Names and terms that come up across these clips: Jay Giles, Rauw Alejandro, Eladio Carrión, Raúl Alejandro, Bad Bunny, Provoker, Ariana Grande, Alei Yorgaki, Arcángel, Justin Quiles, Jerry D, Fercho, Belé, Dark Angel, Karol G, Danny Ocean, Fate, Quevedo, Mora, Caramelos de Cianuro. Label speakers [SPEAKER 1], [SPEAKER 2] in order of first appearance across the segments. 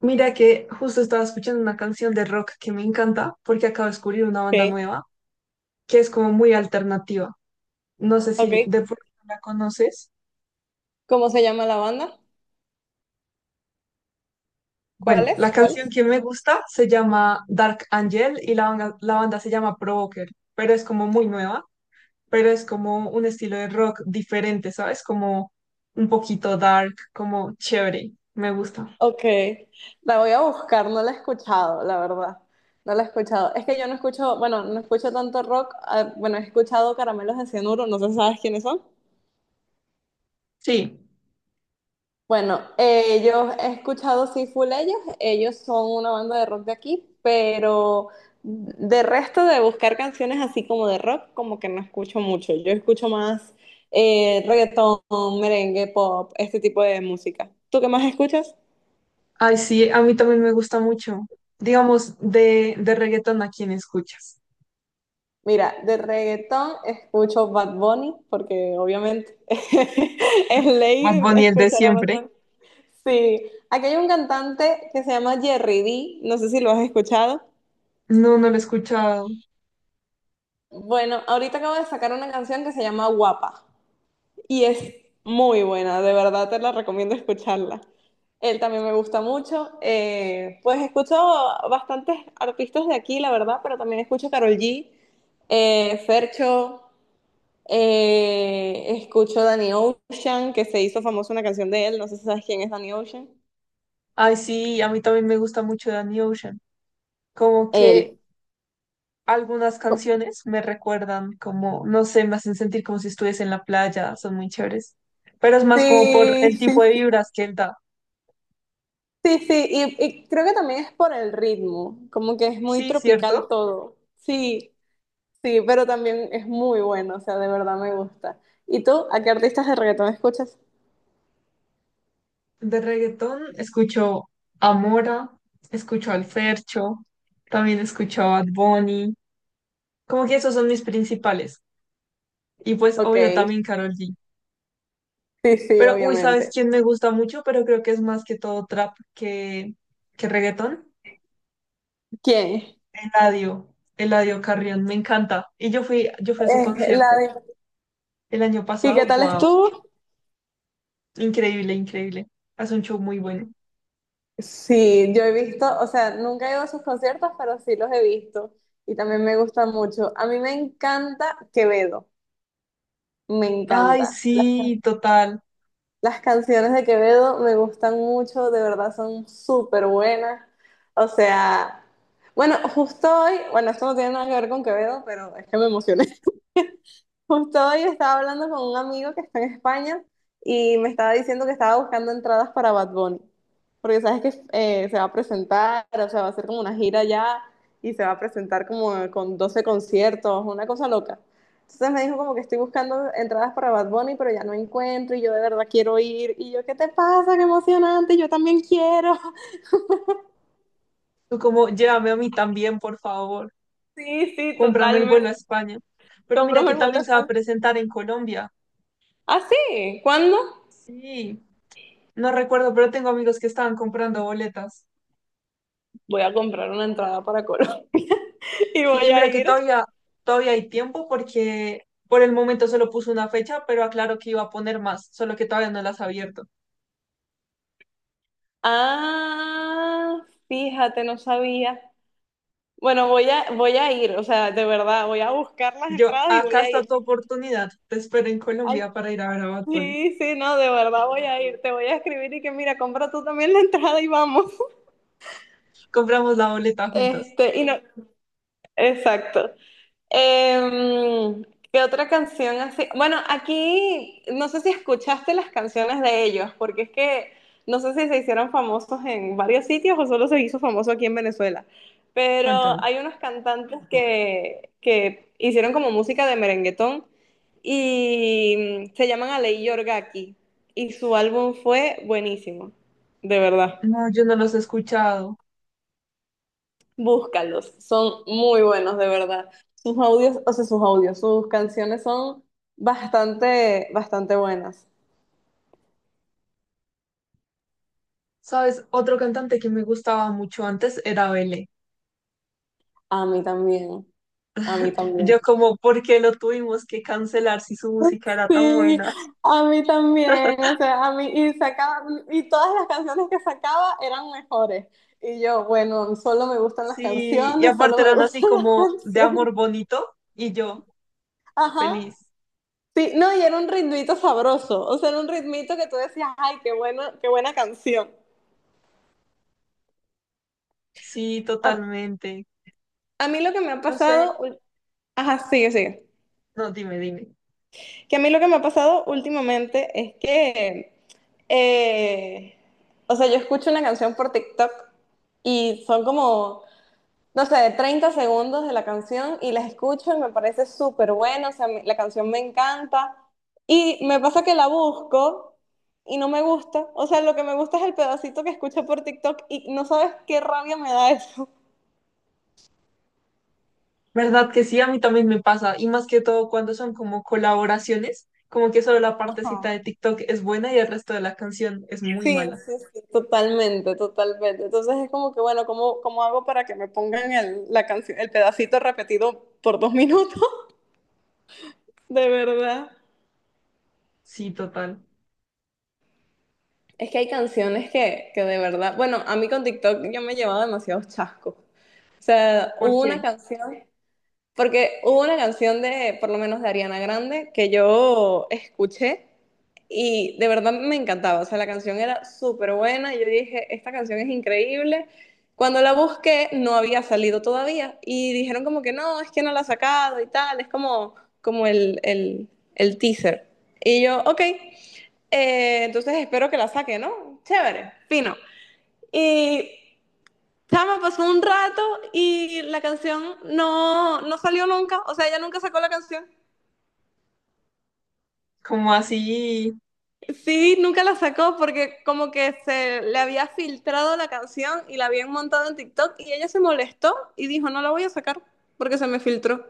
[SPEAKER 1] Mira que justo estaba escuchando una canción de rock que me encanta porque acabo de descubrir una banda
[SPEAKER 2] Ok,
[SPEAKER 1] nueva que es como muy alternativa. No sé si
[SPEAKER 2] ok.
[SPEAKER 1] de pronto la conoces.
[SPEAKER 2] ¿Cómo se llama la banda? ¿Cuál
[SPEAKER 1] Bueno,
[SPEAKER 2] es?
[SPEAKER 1] la
[SPEAKER 2] ¿Cuál
[SPEAKER 1] canción
[SPEAKER 2] es?
[SPEAKER 1] que me gusta se llama Dark Angel y la banda se llama Provoker, pero es como muy nueva, pero es como un estilo de rock diferente, ¿sabes? Como un poquito dark, como chévere. Me gusta.
[SPEAKER 2] Ok, la voy a buscar, no la he escuchado, la verdad. No la he escuchado. Es que yo no escucho, bueno, no escucho tanto rock. Ah, bueno, he escuchado Caramelos de Cianuro, no sé si sabes quiénes son.
[SPEAKER 1] Sí.
[SPEAKER 2] Bueno, yo he escuchado sí full ellos son una banda de rock de aquí, pero de resto de buscar canciones así como de rock, como que no escucho mucho. Yo escucho más reggaetón, merengue, pop, este tipo de música. ¿Tú qué más escuchas?
[SPEAKER 1] Ay, sí, a mí también me gusta mucho. Digamos, de reggaetón, ¿a quién escuchas?
[SPEAKER 2] Mira, de reggaetón escucho Bad Bunny, porque obviamente es
[SPEAKER 1] Bad
[SPEAKER 2] ley
[SPEAKER 1] Bunny, el de
[SPEAKER 2] escuchar a Bad
[SPEAKER 1] siempre.
[SPEAKER 2] Bunny. Sí, aquí hay un cantante que se llama Jerry D, no sé si lo has escuchado.
[SPEAKER 1] No, no lo he escuchado.
[SPEAKER 2] Bueno, ahorita acabo de sacar una canción que se llama Guapa y es muy buena, de verdad te la recomiendo escucharla. Él también me gusta mucho. Pues escucho bastantes artistas de aquí, la verdad, pero también escucho Karol G, Fercho, escucho Danny Ocean, que se hizo famosa una canción de él, no sé si sabes quién es Danny Ocean.
[SPEAKER 1] Ay, sí, a mí también me gusta mucho Danny Ocean. Como que
[SPEAKER 2] Él.
[SPEAKER 1] algunas canciones me recuerdan, como, no sé, me hacen sentir como si estuviese en la playa, son muy chéveres. Pero es más como por
[SPEAKER 2] Sí,
[SPEAKER 1] el
[SPEAKER 2] sí,
[SPEAKER 1] tipo de vibras que él da.
[SPEAKER 2] sí, sí, y creo que también es por el ritmo, como que es muy
[SPEAKER 1] Sí,
[SPEAKER 2] tropical
[SPEAKER 1] cierto.
[SPEAKER 2] todo. Sí, sí, pero también es muy bueno, o sea, de verdad me gusta. ¿Y tú, a qué artistas de reggaetón escuchas?
[SPEAKER 1] De reggaetón escucho a Mora, escucho al Fercho, también escucho a Bad Bunny. Como que esos son mis principales. Y pues,
[SPEAKER 2] Ok,
[SPEAKER 1] obvio, también Karol G.
[SPEAKER 2] sí, sí,
[SPEAKER 1] Pero, uy, ¿sabes
[SPEAKER 2] obviamente.
[SPEAKER 1] quién me gusta mucho? Pero creo que es más que todo trap que reggaetón.
[SPEAKER 2] ¿Quién?
[SPEAKER 1] Eladio, Eladio Carrión, me encanta. Y yo fui a su
[SPEAKER 2] Eh, la
[SPEAKER 1] concierto
[SPEAKER 2] de...
[SPEAKER 1] el año
[SPEAKER 2] ¿Y qué
[SPEAKER 1] pasado.
[SPEAKER 2] tal
[SPEAKER 1] Wow,
[SPEAKER 2] estuvo?
[SPEAKER 1] increíble, increíble. Hace un show muy bueno.
[SPEAKER 2] Sí, yo he visto, o sea, nunca he ido a sus conciertos, pero sí los he visto y también me gusta mucho. A mí me encanta Quevedo, me
[SPEAKER 1] Ay,
[SPEAKER 2] encanta.
[SPEAKER 1] sí, total.
[SPEAKER 2] Las canciones de Quevedo me gustan mucho, de verdad son súper buenas. O sea, bueno, justo hoy, bueno, esto no tiene nada que ver con Quevedo, pero es que me emocioné. Justo hoy estaba hablando con un amigo que está en España y me estaba diciendo que estaba buscando entradas para Bad Bunny, porque sabes que se va a presentar, o sea, va a hacer como una gira ya y se va a presentar como con 12 conciertos, una cosa loca. Entonces me dijo como que estoy buscando entradas para Bad Bunny, pero ya no encuentro y yo de verdad quiero ir. Y yo, ¿qué te pasa? ¡Qué emocionante! Yo también quiero.
[SPEAKER 1] Tú como, llévame a mí también, por favor.
[SPEAKER 2] Sí, sí,
[SPEAKER 1] Cómprame el vuelo a
[SPEAKER 2] totalmente.
[SPEAKER 1] España. Pero mira
[SPEAKER 2] Cómprame
[SPEAKER 1] que
[SPEAKER 2] el vuelo a
[SPEAKER 1] también se va a
[SPEAKER 2] España.
[SPEAKER 1] presentar en Colombia.
[SPEAKER 2] ¿Ah, sí? ¿Cuándo?
[SPEAKER 1] Sí, no recuerdo, pero tengo amigos que estaban comprando boletas.
[SPEAKER 2] Voy a comprar una entrada para Colombia y
[SPEAKER 1] Sí, y
[SPEAKER 2] voy a
[SPEAKER 1] mira que
[SPEAKER 2] ir.
[SPEAKER 1] todavía, todavía hay tiempo porque por el momento solo puso una fecha, pero aclaro que iba a poner más, solo que todavía no las ha abierto.
[SPEAKER 2] Ah, fíjate, no sabía. Bueno, voy a ir, o sea, de verdad, voy a buscar las
[SPEAKER 1] Yo,
[SPEAKER 2] entradas y
[SPEAKER 1] acá
[SPEAKER 2] voy a
[SPEAKER 1] está
[SPEAKER 2] ir.
[SPEAKER 1] tu oportunidad. Te espero en
[SPEAKER 2] Ay,
[SPEAKER 1] Colombia para ir a ver a Bad Bunny.
[SPEAKER 2] sí, sí, no, de verdad voy a ir. Te voy a escribir y que mira, compra tú también la entrada y vamos.
[SPEAKER 1] Compramos la boleta juntas.
[SPEAKER 2] Este, y no, exacto. Em, ¿qué otra canción así? Bueno, aquí no sé si escuchaste las canciones de ellos, porque es que no sé si se hicieron famosos en varios sitios o solo se hizo famoso aquí en Venezuela, pero
[SPEAKER 1] Cuéntame.
[SPEAKER 2] hay unos cantantes que hicieron como música de merenguetón y se llaman Alei Yorgaki y su álbum fue buenísimo, de verdad.
[SPEAKER 1] No, yo no los he escuchado.
[SPEAKER 2] Búscalos, son muy buenos, de verdad. Sus audios, o sea, sus audios, sus canciones son bastante, bastante buenas.
[SPEAKER 1] ¿Sabes? Otro cantante que me gustaba mucho antes era Belé.
[SPEAKER 2] A mí también, a mí también.
[SPEAKER 1] Yo como, ¿por qué lo tuvimos que cancelar si su música era tan
[SPEAKER 2] Sí,
[SPEAKER 1] buena?
[SPEAKER 2] a mí también, o sea, a mí, y sacaba, y todas las canciones que sacaba eran mejores. Y yo, bueno, solo me gustan las
[SPEAKER 1] Sí, y
[SPEAKER 2] canciones, solo
[SPEAKER 1] aparte
[SPEAKER 2] me
[SPEAKER 1] eran así
[SPEAKER 2] gustan las
[SPEAKER 1] como de
[SPEAKER 2] canciones.
[SPEAKER 1] amor bonito y yo
[SPEAKER 2] Ajá.
[SPEAKER 1] feliz.
[SPEAKER 2] Sí, no, y era un ritmito sabroso, o sea, era un ritmito que tú decías, ay, qué bueno, qué buena canción.
[SPEAKER 1] Sí,
[SPEAKER 2] Ah.
[SPEAKER 1] totalmente.
[SPEAKER 2] A mí lo que me ha
[SPEAKER 1] No sé,
[SPEAKER 2] pasado, ajá, sigue, sigue.
[SPEAKER 1] no, dime, dime.
[SPEAKER 2] Que a mí lo que me ha pasado últimamente es que, eh, o sea, yo escucho una canción por TikTok y son como, no sé, 30 segundos de la canción y las escucho y me parece súper buena, o sea, la canción me encanta y me pasa que la busco y no me gusta, o sea, lo que me gusta es el pedacito que escuché por TikTok y no sabes qué rabia me da eso.
[SPEAKER 1] ¿Verdad que sí? A mí también me pasa. Y más que todo cuando son como colaboraciones, como que solo la
[SPEAKER 2] Ajá.
[SPEAKER 1] partecita de TikTok es buena y el resto de la canción es
[SPEAKER 2] Sí,
[SPEAKER 1] muy
[SPEAKER 2] sí,
[SPEAKER 1] mala.
[SPEAKER 2] sí, totalmente, totalmente. Entonces es como que, bueno, ¿cómo hago para que me pongan el, la canción, el pedacito repetido por 2 minutos? De verdad.
[SPEAKER 1] Sí, total.
[SPEAKER 2] Es que hay canciones que de verdad, bueno, a mí con TikTok yo me he llevado demasiados chascos. O sea,
[SPEAKER 1] ¿Por
[SPEAKER 2] hubo una
[SPEAKER 1] qué?
[SPEAKER 2] canción. Porque hubo una canción de, por lo menos de Ariana Grande, que yo escuché y de verdad me encantaba. O sea, la canción era súper buena. Yo dije, esta canción es increíble. Cuando la busqué, no había salido todavía. Y dijeron como que no, es que no la ha sacado y tal. Es como el teaser. Y yo, ok, entonces espero que la saque, ¿no? Chévere, fino. Y chama, pasó un rato y la canción no salió nunca, o sea, ella nunca sacó la canción.
[SPEAKER 1] Como así.
[SPEAKER 2] Sí, nunca la sacó porque como que se le había filtrado la canción y la habían montado en TikTok y ella se molestó y dijo, no la voy a sacar porque se me filtró.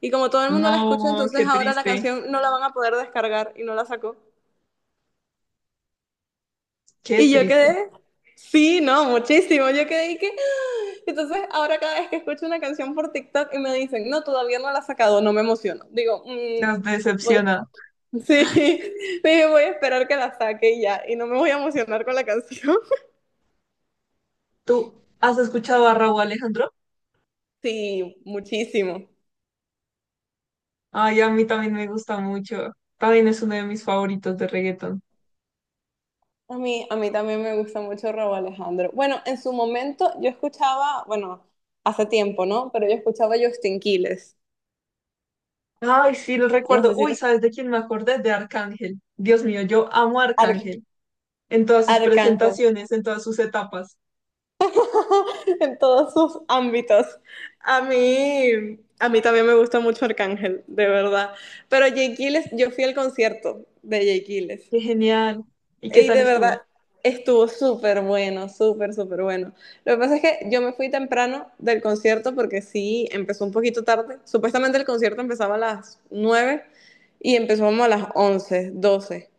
[SPEAKER 2] Y como todo el mundo la escucha,
[SPEAKER 1] No,
[SPEAKER 2] entonces
[SPEAKER 1] qué
[SPEAKER 2] ahora la
[SPEAKER 1] triste.
[SPEAKER 2] canción no la van a poder descargar y no la sacó.
[SPEAKER 1] Qué
[SPEAKER 2] Y yo
[SPEAKER 1] triste.
[SPEAKER 2] quedé, sí, no, muchísimo. Yo quedé y que. ¡Ah! Entonces, ahora cada vez que escucho una canción por TikTok y me dicen, no, todavía no la has sacado, no me emociono. Digo,
[SPEAKER 1] Nos
[SPEAKER 2] Voy,
[SPEAKER 1] decepciona.
[SPEAKER 2] sí, dije, voy a esperar que la saque y ya, y no me voy a emocionar con la canción".
[SPEAKER 1] ¿Tú has escuchado a Raúl Alejandro?
[SPEAKER 2] Sí, muchísimo.
[SPEAKER 1] Ay, a mí también me gusta mucho. También es uno de mis favoritos de reggaeton.
[SPEAKER 2] A mí también me gusta mucho Rauw Alejandro. Bueno, en su momento yo escuchaba, bueno, hace tiempo, ¿no? Pero yo escuchaba Justin Quiles.
[SPEAKER 1] Ay, sí, lo
[SPEAKER 2] No
[SPEAKER 1] recuerdo.
[SPEAKER 2] sé si
[SPEAKER 1] Uy,
[SPEAKER 2] lo.
[SPEAKER 1] ¿sabes de quién me acordé? De Arcángel. Dios mío, yo amo a
[SPEAKER 2] Ar-
[SPEAKER 1] Arcángel en todas sus
[SPEAKER 2] Arcángel.
[SPEAKER 1] presentaciones, en todas sus etapas.
[SPEAKER 2] En todos sus ámbitos. A mí también me gusta mucho Arcángel, de verdad. Pero Jay Giles, yo fui al concierto de Jay Giles
[SPEAKER 1] Qué genial. ¿Y qué
[SPEAKER 2] y
[SPEAKER 1] tal
[SPEAKER 2] de verdad
[SPEAKER 1] estuvo?
[SPEAKER 2] estuvo súper bueno, súper, súper bueno. Lo que pasa es que yo me fui temprano del concierto porque sí, empezó un poquito tarde. Supuestamente el concierto empezaba a las 9 y empezó como a las 11, 12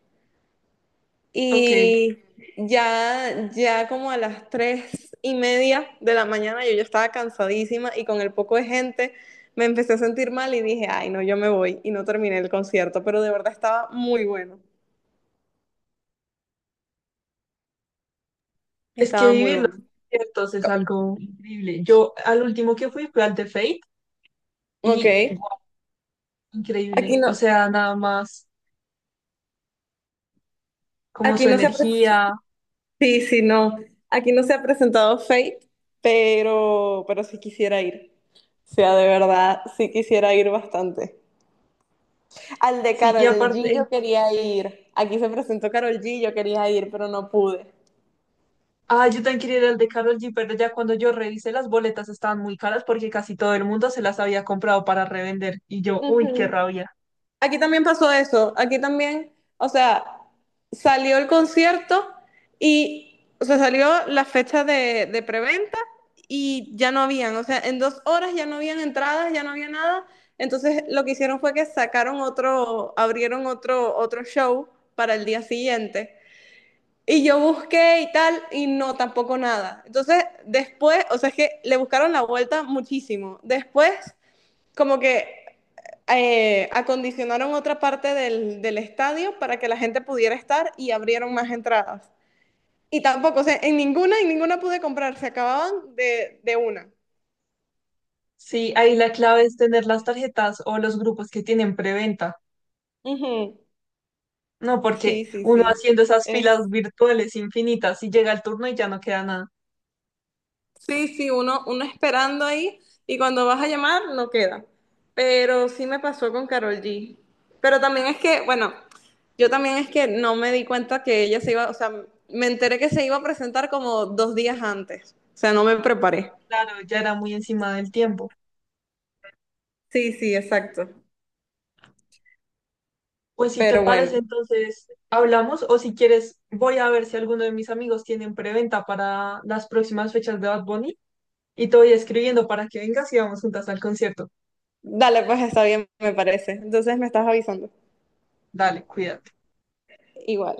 [SPEAKER 1] Ok.
[SPEAKER 2] y ya como a las 3:30 de la mañana yo ya estaba cansadísima y con el poco de gente me empecé a sentir mal y dije, ay, no, yo me voy y no terminé el concierto, pero de verdad estaba muy bueno,
[SPEAKER 1] Es que
[SPEAKER 2] estaba muy
[SPEAKER 1] vivir los
[SPEAKER 2] bueno.
[SPEAKER 1] conciertos es
[SPEAKER 2] Co-
[SPEAKER 1] algo increíble. Yo al último que fui fue al de Fate
[SPEAKER 2] Ok,
[SPEAKER 1] y guau,
[SPEAKER 2] aquí
[SPEAKER 1] increíble. O
[SPEAKER 2] no,
[SPEAKER 1] sea, nada más como
[SPEAKER 2] aquí
[SPEAKER 1] su
[SPEAKER 2] no se ha presentado,
[SPEAKER 1] energía.
[SPEAKER 2] sí, sí, no, aquí no se ha presentado Fate, pero sí quisiera ir, o sea, de verdad, sí quisiera ir bastante. Al de
[SPEAKER 1] Sí, y
[SPEAKER 2] Carol G
[SPEAKER 1] aparte,
[SPEAKER 2] yo quería ir. Aquí se presentó Carol G, yo quería ir, pero no pude.
[SPEAKER 1] ah, yo también quería ir al de Karol G, pero ya cuando yo revisé las boletas estaban muy caras porque casi todo el mundo se las había comprado para revender. Y yo, uy, qué
[SPEAKER 2] Ujú.
[SPEAKER 1] rabia.
[SPEAKER 2] Aquí también pasó eso. Aquí también, o sea, salió el concierto y, o sea, salió la fecha de preventa y ya no habían, o sea, en 2 horas ya no habían entradas, ya no había nada. Entonces lo que hicieron fue que sacaron otro, abrieron otro show para el día siguiente. Y yo busqué y tal, y no, tampoco nada. Entonces, después, o sea, es que le buscaron la vuelta muchísimo. Después, como que acondicionaron otra parte del estadio para que la gente pudiera estar y abrieron más entradas. Y tampoco, o sea, en ninguna pude comprar, se acababan de una.
[SPEAKER 1] Sí, ahí la clave es tener las tarjetas o los grupos que tienen preventa.
[SPEAKER 2] Ujú.
[SPEAKER 1] No, porque
[SPEAKER 2] Sí, sí,
[SPEAKER 1] uno
[SPEAKER 2] sí.
[SPEAKER 1] haciendo esas filas virtuales infinitas y llega el turno y ya no queda nada.
[SPEAKER 2] Sí, sí, uno esperando ahí y cuando vas a llamar no queda. Pero sí me pasó con Carol G. Pero también es que, bueno, yo también es que no me di cuenta que ella se iba, o sea, me enteré que se iba a presentar como 2 días antes. O sea, no me preparé.
[SPEAKER 1] Claro, ya era muy encima del tiempo.
[SPEAKER 2] Sí, sí, exacto.
[SPEAKER 1] Pues si te
[SPEAKER 2] Pero
[SPEAKER 1] parece,
[SPEAKER 2] bueno,
[SPEAKER 1] entonces hablamos o si quieres, voy a ver si alguno de mis amigos tienen preventa para las próximas fechas de Bad Bunny y te voy escribiendo para que vengas y vamos juntas al concierto.
[SPEAKER 2] dale, pues está bien, me parece. Entonces me estás avisando.
[SPEAKER 1] Dale, cuídate.
[SPEAKER 2] Igual.